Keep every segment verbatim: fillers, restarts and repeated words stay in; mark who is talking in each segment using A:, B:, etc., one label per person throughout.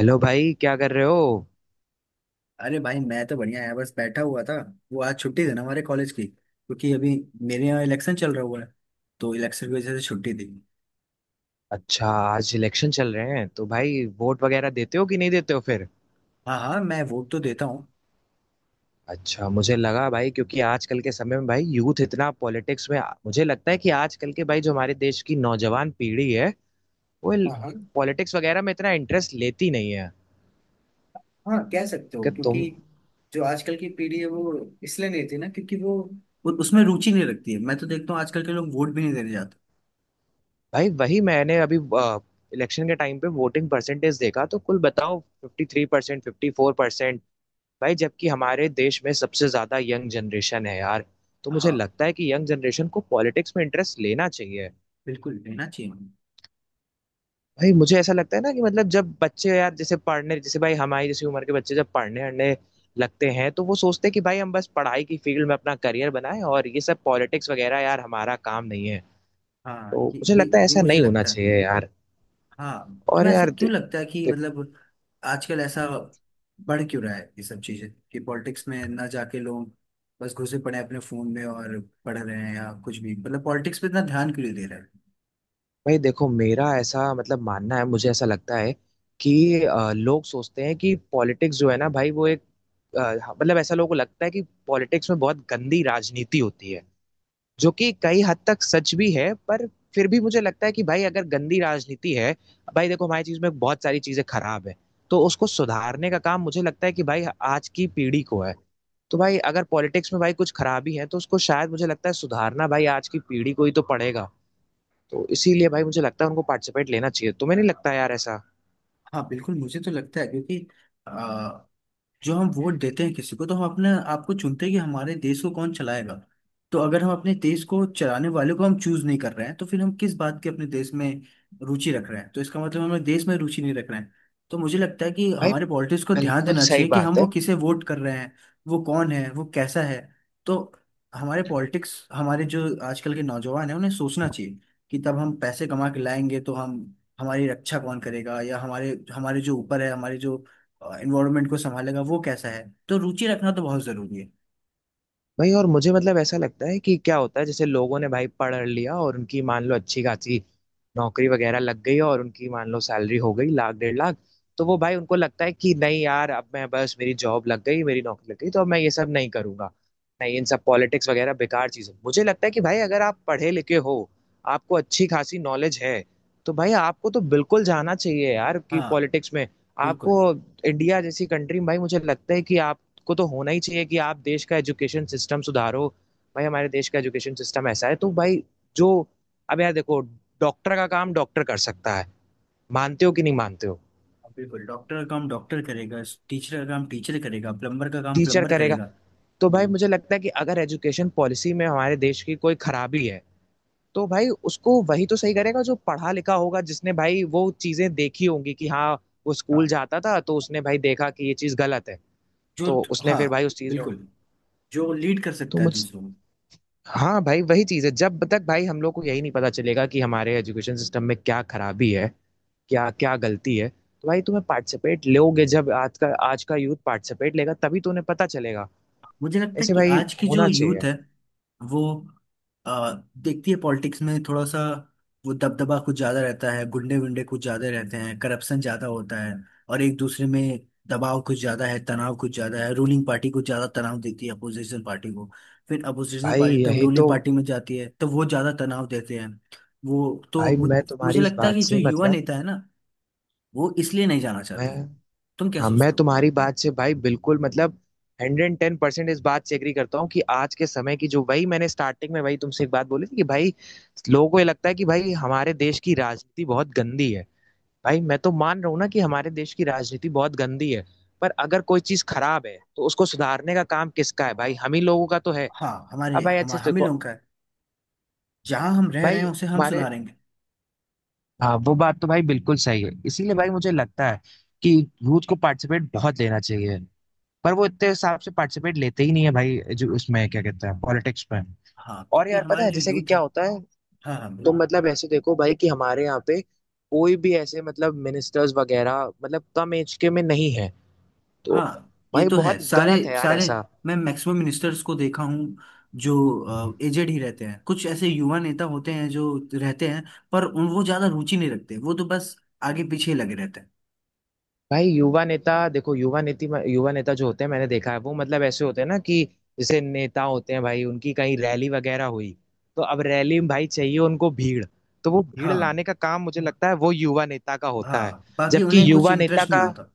A: Hello भाई, क्या कर रहे हो।
B: अरे भाई, मैं तो बढ़िया है। बस बैठा हुआ था। वो आज छुट्टी थी ना हमारे कॉलेज की, क्योंकि अभी मेरे यहाँ इलेक्शन चल रहा हुआ है। तो इलेक्शन की वजह से छुट्टी थी।
A: अच्छा, आज इलेक्शन चल रहे हैं तो भाई वोट वगैरह देते हो कि नहीं देते हो फिर।
B: हाँ हाँ, मैं वोट तो देता हूँ।
A: अच्छा, मुझे लगा भाई क्योंकि आजकल के समय में भाई यूथ इतना पॉलिटिक्स में, मुझे लगता है कि आजकल के भाई जो हमारे देश की नौजवान पीढ़ी है वो
B: हाँ हाँ।
A: पॉलिटिक्स वगैरह में इतना इंटरेस्ट लेती नहीं है।
B: हाँ, कह सकते हो,
A: कि
B: क्योंकि
A: तुम।
B: जो आजकल की पीढ़ी है वो इसलिए नहीं थी ना, क्योंकि वो उ- उसमें रुचि नहीं रखती है। मैं तो देखता हूँ आजकल के लोग वोट भी नहीं देने जाते।
A: भाई वही मैंने अभी इलेक्शन के टाइम पे वोटिंग परसेंटेज देखा तो कुल बताओ fifty three percent, fifty four percent, भाई जबकि हमारे देश में सबसे ज्यादा यंग जनरेशन है यार। तो मुझे
B: हाँ,
A: लगता है कि यंग जनरेशन को पॉलिटिक्स में इंटरेस्ट लेना चाहिए।
B: बिल्कुल देना चाहिए उन्हें।
A: भाई मुझे ऐसा लगता है ना कि मतलब जब बच्चे यार जैसे पढ़ने, जैसे भाई हमारी जैसी उम्र के बच्चे जब पढ़ने अढ़ने लगते हैं तो वो सोचते हैं कि भाई हम बस पढ़ाई की फील्ड में अपना करियर बनाएं और ये सब पॉलिटिक्स वगैरह यार हमारा काम नहीं है।
B: हाँ
A: तो
B: ये
A: मुझे
B: ये
A: लगता है
B: ये
A: ऐसा
B: मुझे
A: नहीं होना
B: लगता है।
A: चाहिए यार।
B: हाँ,
A: और
B: तुम्हें ऐसा
A: यार दे,
B: क्यों लगता है कि
A: दे,
B: मतलब आजकल ऐसा बढ़ क्यों रहा है ये सब चीजें, कि पॉलिटिक्स में ना जाके लोग बस घुसे पड़े हैं अपने फोन में और पढ़ रहे हैं या कुछ भी, मतलब पॉलिटिक्स पे इतना ध्यान क्यों नहीं दे रहे हैं।
A: भाई देखो, मेरा ऐसा मतलब मानना है, मुझे ऐसा लगता है कि अ, लोग सोचते हैं कि पॉलिटिक्स जो है ना भाई वो एक आ, मतलब ऐसा लोगों को लगता है कि पॉलिटिक्स में बहुत गंदी राजनीति होती है, जो कि कई हद तक सच भी है, पर फिर भी मुझे लगता है कि भाई अगर गंदी राजनीति है, भाई देखो हमारी चीज में बहुत सारी चीजें खराब है, तो उसको सुधारने का काम मुझे लगता है कि भाई आज की पीढ़ी को है। तो भाई अगर पॉलिटिक्स में भाई कुछ खराबी है तो उसको शायद मुझे लगता है सुधारना भाई आज की पीढ़ी को ही तो पड़ेगा। तो इसीलिए भाई मुझे लगता है उनको पार्टिसिपेट लेना चाहिए। तुम्हें नहीं लगता यार ऐसा।
B: हाँ, बिल्कुल मुझे तो लगता है, क्योंकि जो हम वोट देते हैं किसी को, तो हम अपने आपको चुनते हैं कि हमारे देश को कौन चलाएगा। तो अगर हम अपने देश को चलाने वाले को हम चूज नहीं कर रहे हैं, तो फिर हम किस बात की अपने देश में रुचि रख रहे हैं। तो इसका मतलब हमें देश में रुचि नहीं रख रहे हैं। तो मुझे लगता है कि
A: भाई
B: हमारे पॉलिटिक्स को ध्यान
A: बिल्कुल
B: देना
A: सही
B: चाहिए कि हम
A: बात
B: वो
A: है।
B: किसे वोट कर रहे हैं, वो कौन है, वो कैसा है। तो हमारे पॉलिटिक्स, हमारे जो आजकल के नौजवान हैं उन्हें सोचना चाहिए कि तब हम पैसे कमा के लाएंगे तो हम हमारी रक्षा कौन करेगा, या हमारे हमारे जो ऊपर है, हमारे जो इन्वायरमेंट को संभालेगा वो कैसा है। तो रुचि रखना तो बहुत जरूरी है।
A: भाई, और मुझे मतलब ऐसा लगता है कि क्या होता है जैसे लोगों ने भाई पढ़ लिया और उनकी मान लो अच्छी खासी नौकरी वगैरह लग गई और उनकी मान लो सैलरी हो गई लाख डेढ़ लाख, तो वो भाई उनको लगता है कि नहीं यार अब मैं बस, मेरी जॉब लग गई, मेरी नौकरी लग गई तो अब मैं ये सब नहीं करूंगा, नहीं इन सब पॉलिटिक्स वगैरह बेकार चीज़ है। मुझे लगता है कि भाई अगर आप पढ़े लिखे हो, आपको अच्छी खासी नॉलेज है, तो भाई आपको तो बिल्कुल जाना चाहिए यार कि
B: हाँ,
A: पॉलिटिक्स में। आपको
B: बिल्कुल।
A: इंडिया जैसी कंट्री में भाई मुझे लगता है कि आप को तो होना ही चाहिए कि आप देश का एजुकेशन सिस्टम सुधारो। भाई हमारे देश का एजुकेशन सिस्टम ऐसा है तो भाई जो, अब यार देखो, डॉक्टर का काम डॉक्टर कर सकता है, मानते हो कि नहीं मानते हो।
B: हाँ, बिल्कुल डॉक्टर का काम डॉक्टर करेगा, टीचर का काम टीचर करेगा, प्लम्बर का काम
A: टीचर
B: प्लम्बर
A: करेगा।
B: करेगा।
A: तो भाई मुझे लगता है कि अगर एजुकेशन पॉलिसी में हमारे देश की कोई खराबी है तो भाई उसको वही तो सही करेगा जो पढ़ा लिखा होगा, जिसने भाई वो चीजें देखी होंगी कि हाँ, वो स्कूल
B: हाँ।
A: जाता था तो उसने भाई देखा कि ये चीज गलत है,
B: जो,
A: तो उसने
B: हाँ
A: फिर भाई उस चीज में।
B: बिल्कुल, जो लीड कर
A: तो
B: सकता है
A: मुझ,
B: दूसरों को।
A: हाँ भाई वही चीज है, जब तक भाई हम लोग को यही नहीं पता चलेगा कि हमारे एजुकेशन सिस्टम में क्या खराबी है, क्या क्या गलती है तो भाई तुम्हें पार्टिसिपेट लोगे, जब आज का आज का यूथ पार्टिसिपेट लेगा तभी तो उन्हें पता चलेगा।
B: मुझे लगता है
A: ऐसे
B: कि
A: भाई
B: आज की जो
A: होना
B: यूथ
A: चाहिए।
B: है वो आ, देखती है पॉलिटिक्स में थोड़ा सा वो दबदबा कुछ ज़्यादा रहता है, गुंडे वुंडे कुछ ज़्यादा रहते हैं, करप्शन ज़्यादा होता है, और एक दूसरे में दबाव कुछ ज़्यादा है, तनाव कुछ ज़्यादा है। रूलिंग पार्टी कुछ ज़्यादा तनाव देती है अपोजिशन पार्टी को, फिर अपोजिशन
A: भाई
B: पार्टी तब
A: यही
B: रूलिंग
A: तो,
B: पार्टी में जाती है तो वो ज़्यादा तनाव देते हैं। वो तो
A: भाई
B: मु-
A: मैं
B: मुझे
A: तुम्हारी इस
B: लगता है
A: बात
B: कि जो
A: से
B: युवा
A: मतलब,
B: नेता है ना वो इसलिए नहीं जाना
A: मैं,
B: चाहती। तुम क्या
A: हाँ मैं
B: सोचते हो।
A: तुम्हारी बात से भाई बिल्कुल मतलब हंड्रेड एंड टेन परसेंट इस बात से एग्री करता हूँ कि आज के समय की, जो वही मैंने स्टार्टिंग में वही तुमसे एक बात बोली थी कि भाई, लोगों को ये लगता है कि भाई हमारे देश की राजनीति बहुत गंदी है। भाई मैं तो मान रहा हूँ ना कि हमारे देश की राजनीति बहुत गंदी है, पर अगर कोई चीज खराब है तो उसको सुधारने का काम किसका है, भाई हम ही लोगों का तो है।
B: हाँ, हमारे,
A: अब भाई
B: हम
A: अच्छे से
B: हम ही
A: देखो,
B: लोगों का है। जहाँ हम रह रहे
A: भाई
B: हैं उसे हम
A: हमारे,
B: सुधारेंगे।
A: हाँ वो बात तो भाई बिल्कुल सही है, इसीलिए भाई मुझे लगता है कि यूथ को पार्टिसिपेट बहुत लेना चाहिए, पर वो इतने हिसाब से पार्टिसिपेट लेते ही नहीं है भाई, जो उसमें क्या कहते हैं पॉलिटिक्स में।
B: हाँ,
A: और
B: क्योंकि
A: यार पता
B: हमारे
A: है
B: जो
A: जैसे कि
B: यूथ
A: क्या
B: है।
A: होता है,
B: हाँ हाँ,
A: तो
B: बोल।
A: मतलब ऐसे देखो भाई कि हमारे यहाँ पे कोई भी ऐसे मतलब मिनिस्टर्स वगैरह मतलब कम एज के में नहीं है, तो
B: हाँ, ये
A: भाई
B: तो है।
A: बहुत
B: सारे,
A: गलत है यार
B: सारे,
A: ऐसा।
B: मैं मैक्सिमम मिनिस्टर्स को देखा हूँ जो एजेड ही रहते हैं। कुछ ऐसे युवा नेता होते हैं जो रहते हैं, पर उन वो ज्यादा रुचि नहीं रखते, वो तो बस आगे पीछे लगे रहते हैं।
A: भाई युवा नेता, देखो युवा नीति में- युवा नेता जो होते हैं मैंने देखा है, वो मतलब ऐसे होते हैं ना कि जैसे नेता होते हैं भाई उनकी कहीं रैली वगैरह हुई, तो अब रैली में भाई चाहिए उनको भीड़, तो वो भीड़
B: हाँ।
A: लाने का काम मुझे लगता है वो युवा नेता का होता है,
B: हाँ, बाकी
A: जबकि
B: उन्हें कुछ
A: युवा नेता
B: इंटरेस्ट नहीं
A: का,
B: होता।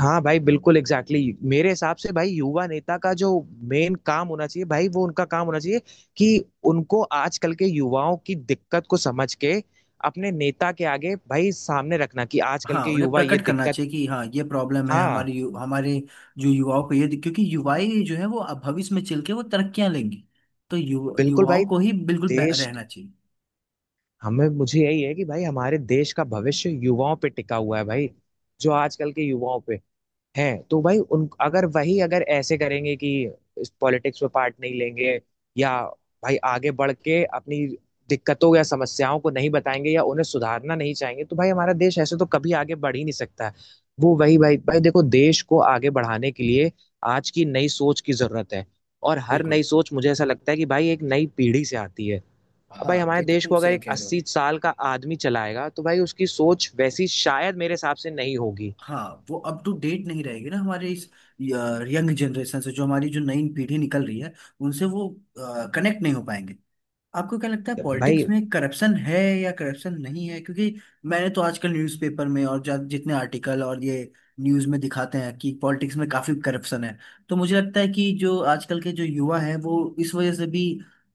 A: हाँ भाई बिल्कुल एग्जैक्टली exactly. मेरे हिसाब से भाई युवा नेता का जो मेन काम होना चाहिए, भाई वो उनका काम होना चाहिए कि उनको आजकल के युवाओं की दिक्कत को समझ के अपने नेता के आगे भाई सामने रखना कि आजकल
B: हाँ,
A: के
B: उन्हें
A: युवा ये
B: प्रकट करना
A: दिक्कत।
B: चाहिए कि हाँ ये प्रॉब्लम है
A: हाँ
B: हमारे यु, हमारे जो युवाओं को, ये क्योंकि युवाएं जो है वो अब भविष्य में चल के वो तरक्कियां लेंगी। तो यु,
A: बिल्कुल भाई,
B: युवाओं को ही बिल्कुल बे-
A: देश,
B: रहना चाहिए।
A: हमें, मुझे यही है कि भाई हमारे देश का भविष्य युवाओं पे टिका हुआ है भाई, जो आजकल के युवाओं पे हैं, तो भाई उन अगर वही अगर ऐसे करेंगे कि इस पॉलिटिक्स में पार्ट नहीं लेंगे या भाई आगे बढ़ के अपनी दिक्कतों या समस्याओं को नहीं बताएंगे या उन्हें सुधारना नहीं चाहेंगे, तो भाई हमारा देश ऐसे तो कभी आगे बढ़ ही नहीं सकता है। वो वही भाई भाई देखो, देश को आगे बढ़ाने के लिए आज की नई सोच की जरूरत है और हर
B: बिल्कुल।
A: नई सोच मुझे ऐसा लगता है कि भाई एक नई पीढ़ी से आती है। अब भाई
B: हाँ,
A: हमारे
B: ये तो
A: देश
B: तुम
A: को अगर
B: सही
A: एक
B: कह रहे हो।
A: अस्सी साल का आदमी चलाएगा तो भाई उसकी सोच वैसी शायद मेरे हिसाब से नहीं होगी।
B: हाँ, वो अप टू डेट नहीं रहेगी ना हमारे इस यंग जनरेशन से। जो हमारी जो नई पीढ़ी निकल रही है उनसे वो कनेक्ट नहीं हो पाएंगे। आपको क्या लगता है,
A: भाई
B: पॉलिटिक्स में करप्शन है या करप्शन नहीं है, क्योंकि मैंने तो आजकल न्यूज़पेपर में और जा- जितने आर्टिकल और ये न्यूज़ में दिखाते हैं कि पॉलिटिक्स में काफी करप्शन है। तो मुझे लगता है कि जो आजकल के जो युवा हैं वो इस वजह से भी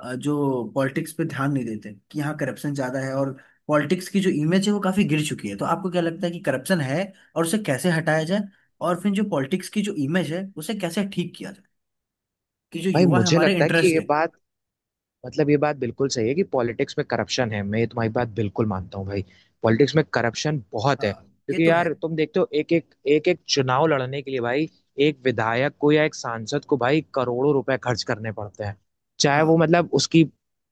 B: अ, जो पॉलिटिक्स पे ध्यान नहीं देते, कि यहाँ करप्शन ज्यादा है और पॉलिटिक्स की जो इमेज है वो काफी गिर चुकी है। तो आपको क्या लगता है कि करप्शन है और उसे कैसे हटाया जाए, और फिर जो पॉलिटिक्स की जो इमेज है उसे कैसे ठीक किया जाए कि जो
A: भाई
B: युवा है
A: मुझे
B: हमारे
A: लगता है कि
B: इंटरेस्ट
A: ये
B: है।
A: बात, मतलब ये बात बिल्कुल सही है कि पॉलिटिक्स में करप्शन है, मैं ये तुम्हारी बात बिल्कुल मानता हूँ भाई। पॉलिटिक्स में करप्शन बहुत है,
B: हाँ, ये
A: क्योंकि
B: तो है।
A: यार तुम देखते हो एक एक एक एक चुनाव लड़ने के लिए भाई एक विधायक को या एक सांसद को भाई करोड़ों रुपए खर्च करने पड़ते हैं, चाहे वो
B: हाँ।
A: मतलब उसकी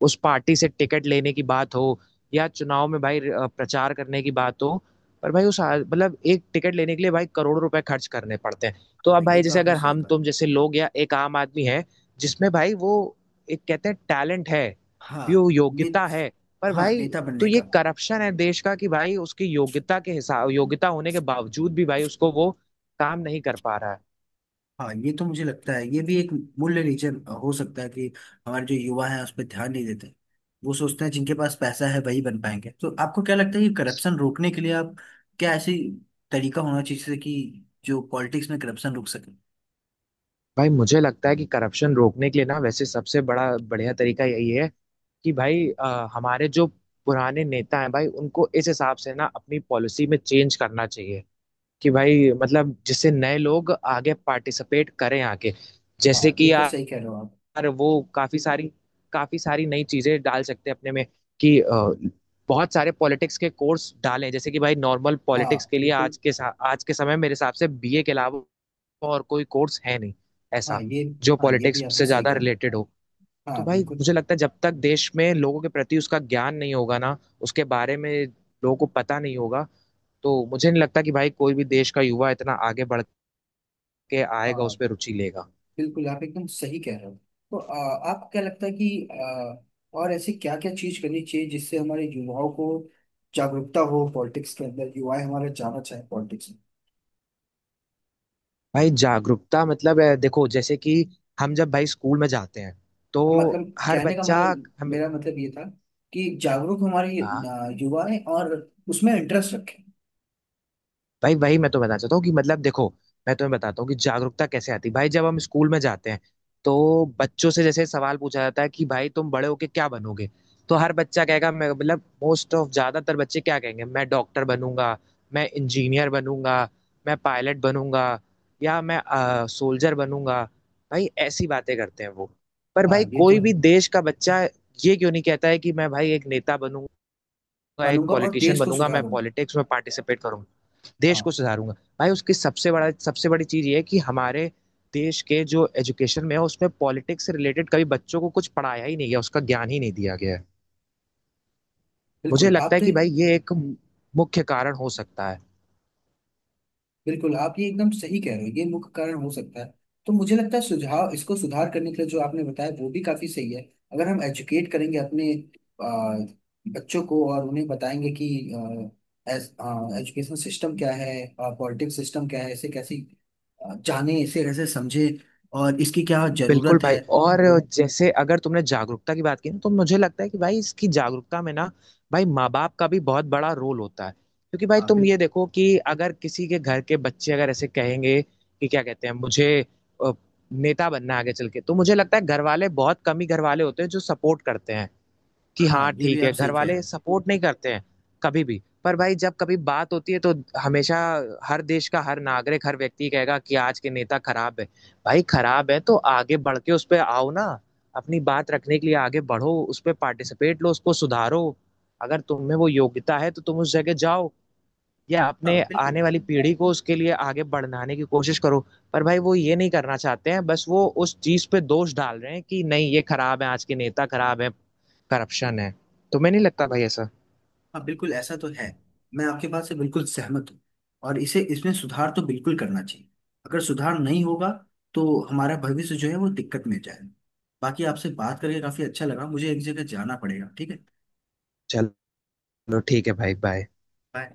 A: उस पार्टी से टिकट लेने की बात हो या चुनाव में भाई अ, प्रचार करने की बात हो। पर भाई उस आ- मतलब एक टिकट लेने के लिए भाई करोड़ों रुपए खर्च करने पड़ते हैं। तो
B: हाँ,
A: अब
B: ये
A: भाई
B: तो
A: जैसे
B: आपने
A: अगर
B: सही
A: हम
B: कहा।
A: तुम जैसे लोग या एक आम आदमी है जिसमें भाई वो एक कहते हैं टैलेंट है,
B: हाँ
A: यो
B: ने,
A: योग्यता है, पर
B: हाँ,
A: भाई,
B: नेता
A: तो
B: बनने
A: ये
B: का।
A: करप्शन है देश का कि भाई उसकी योग्यता के हिसाब, योग्यता होने के बावजूद भी भाई उसको वो काम नहीं कर पा रहा है।
B: हाँ, ये तो मुझे लगता है ये भी एक मूल्य रीजन हो सकता है कि हमारे जो युवा हैं उस पर ध्यान नहीं देते। वो सोचते हैं जिनके पास पैसा है वही बन पाएंगे। तो आपको क्या लगता है कि करप्शन रोकने के लिए आप क्या ऐसी तरीका होना चाहिए जिससे कि जो पॉलिटिक्स में करप्शन रुक सके।
A: भाई मुझे लगता है कि करप्शन रोकने के लिए ना, वैसे सबसे बड़ा बढ़िया तरीका यही है कि भाई अ, हमारे जो पुराने नेता हैं भाई उनको इस हिसाब से ना अपनी पॉलिसी में चेंज करना चाहिए कि भाई मतलब जिससे नए लोग आगे पार्टिसिपेट करें, आगे
B: हाँ,
A: जैसे
B: ये
A: कि
B: तो
A: आ,
B: सही कह रहे हो आप।
A: यार वो काफी सारी काफी सारी नई चीजें डाल सकते हैं अपने में कि अ, बहुत सारे पॉलिटिक्स के कोर्स डालें, जैसे कि भाई नॉर्मल
B: हाँ,
A: पॉलिटिक्स के लिए
B: बिल्कुल।
A: आज के सा- आज के समय मेरे हिसाब से बी ए के अलावा और कोई कोर्स है नहीं
B: हाँ
A: ऐसा
B: ये,
A: जो
B: हाँ, ये भी
A: पॉलिटिक्स
B: आपने
A: से
B: सही
A: ज्यादा
B: कहा।
A: रिलेटेड हो। तो
B: हाँ,
A: भाई
B: बिल्कुल।
A: मुझे लगता है जब तक देश में लोगों के प्रति उसका ज्ञान नहीं होगा ना, उसके बारे में लोगों को पता नहीं होगा, तो मुझे नहीं लगता कि भाई कोई भी देश का युवा इतना आगे बढ़ के आएगा, उस
B: हाँ,
A: पर रुचि लेगा।
B: बिल्कुल आप एकदम सही कह रहे हो। तो आ, आपको क्या लगता है कि आ, और ऐसी क्या क्या चीज करनी चाहिए जिससे हमारे युवाओं को जागरूकता हो पॉलिटिक्स के अंदर, युवा हमारा जाना चाहे पॉलिटिक्स
A: भाई जागरूकता मतलब अ, देखो जैसे कि हम जब भाई स्कूल में जाते हैं तो
B: में। मतलब
A: हर
B: कहने का
A: बच्चा,
B: मतलब,
A: हमें,
B: मेरा मतलब ये था कि जागरूक हमारे
A: हाँ
B: आ, युवा है और उसमें इंटरेस्ट रखें।
A: भाई वही मैं तो बताना चाहता हूँ कि मतलब देखो, मैं तुम्हें बताता हूँ कि जागरूकता कैसे आती है। भाई जब हम स्कूल में जाते हैं तो बच्चों से जैसे सवाल पूछा जाता है कि भाई तुम बड़े होके क्या बनोगे, तो हर बच्चा कहेगा मैं, मतलब मोस्ट ऑफ ज्यादातर बच्चे क्या कहेंगे, मैं डॉक्टर बनूंगा, मैं इंजीनियर बनूंगा, मैं पायलट बनूंगा या मैं सोल्जर बनूंगा, भाई ऐसी बातें करते हैं वो। पर
B: हाँ,
A: भाई
B: ये तो
A: कोई भी
B: है।
A: देश का बच्चा ये क्यों नहीं कहता है कि मैं भाई एक नेता बनूंगा, एक
B: बनूंगा और
A: पॉलिटिशियन
B: देश को
A: बनूंगा, मैं
B: सुधारूंगा।
A: पॉलिटिक्स में पार्टिसिपेट करूंगा, देश
B: हाँ,
A: को सुधारूंगा। भाई उसकी सबसे बड़ा सबसे बड़ी चीज ये है कि हमारे देश के जो एजुकेशन में है उसमें पॉलिटिक्स से रिलेटेड कभी बच्चों को कुछ पढ़ाया ही नहीं गया, उसका ज्ञान ही नहीं दिया गया है। मुझे
B: बिल्कुल आप
A: लगता है
B: तो।
A: कि भाई ये एक मुख्य कारण हो सकता है।
B: बिल्कुल, आप ये एकदम सही कह रहे हो। ये मुख्य कारण हो सकता है। तो मुझे लगता है सुझाव इसको सुधार करने के लिए जो आपने बताया वो भी काफी सही है। अगर हम एजुकेट करेंगे अपने आ, बच्चों को और उन्हें बताएंगे कि एजुकेशन सिस्टम क्या है, पॉलिटिक्स सिस्टम क्या है, इसे कैसे आ, जाने, इसे कैसे समझे और इसकी क्या जरूरत
A: बिल्कुल भाई,
B: है।
A: और जैसे अगर तुमने जागरूकता की बात की ना, तो मुझे लगता है कि भाई इसकी जागरूकता में ना, भाई माँ बाप का भी बहुत बड़ा रोल होता है, क्योंकि भाई
B: हाँ,
A: तुम ये
B: बिल्कुल।
A: देखो कि अगर किसी के घर के बच्चे अगर ऐसे कहेंगे कि क्या कहते हैं, मुझे अ, नेता बनना है आगे चल के, तो मुझे लगता है घर वाले, बहुत कम ही घर वाले होते हैं जो सपोर्ट करते हैं कि
B: हाँ,
A: हाँ
B: ये भी
A: ठीक
B: आप
A: है, घर
B: सही कह रहे
A: वाले
B: हो।
A: सपोर्ट नहीं करते हैं कभी भी। पर भाई जब कभी बात होती है तो हमेशा हर देश का हर नागरिक हर व्यक्ति कहेगा कि आज के नेता खराब है। भाई खराब है तो आगे बढ़ के उस पर आओ ना, अपनी बात रखने के लिए आगे बढ़ो, उस पर पार्टिसिपेट लो, उसको सुधारो, अगर तुम में वो योग्यता है तो तुम उस जगह जाओ या
B: हाँ,
A: अपने
B: बिल्कुल।
A: आने वाली पीढ़ी को उसके लिए आगे बढ़ाने की कोशिश करो। पर भाई वो ये नहीं करना चाहते हैं, बस वो उस चीज पे दोष डाल रहे हैं कि नहीं ये खराब है, आज के नेता खराब है, करप्शन है। तुम्हें नहीं लगता भाई ऐसा।
B: हाँ, बिल्कुल ऐसा तो है। मैं आपके बात से बिल्कुल सहमत हूँ। और इसे इसमें सुधार तो बिल्कुल करना चाहिए। अगर सुधार नहीं होगा तो हमारा भविष्य जो है वो दिक्कत में जाएगा। बाकी आपसे बात करके काफी अच्छा लगा। मुझे एक जगह जाना पड़ेगा, ठीक है।
A: चलो, ठीक है भाई, बाय।
B: Bye.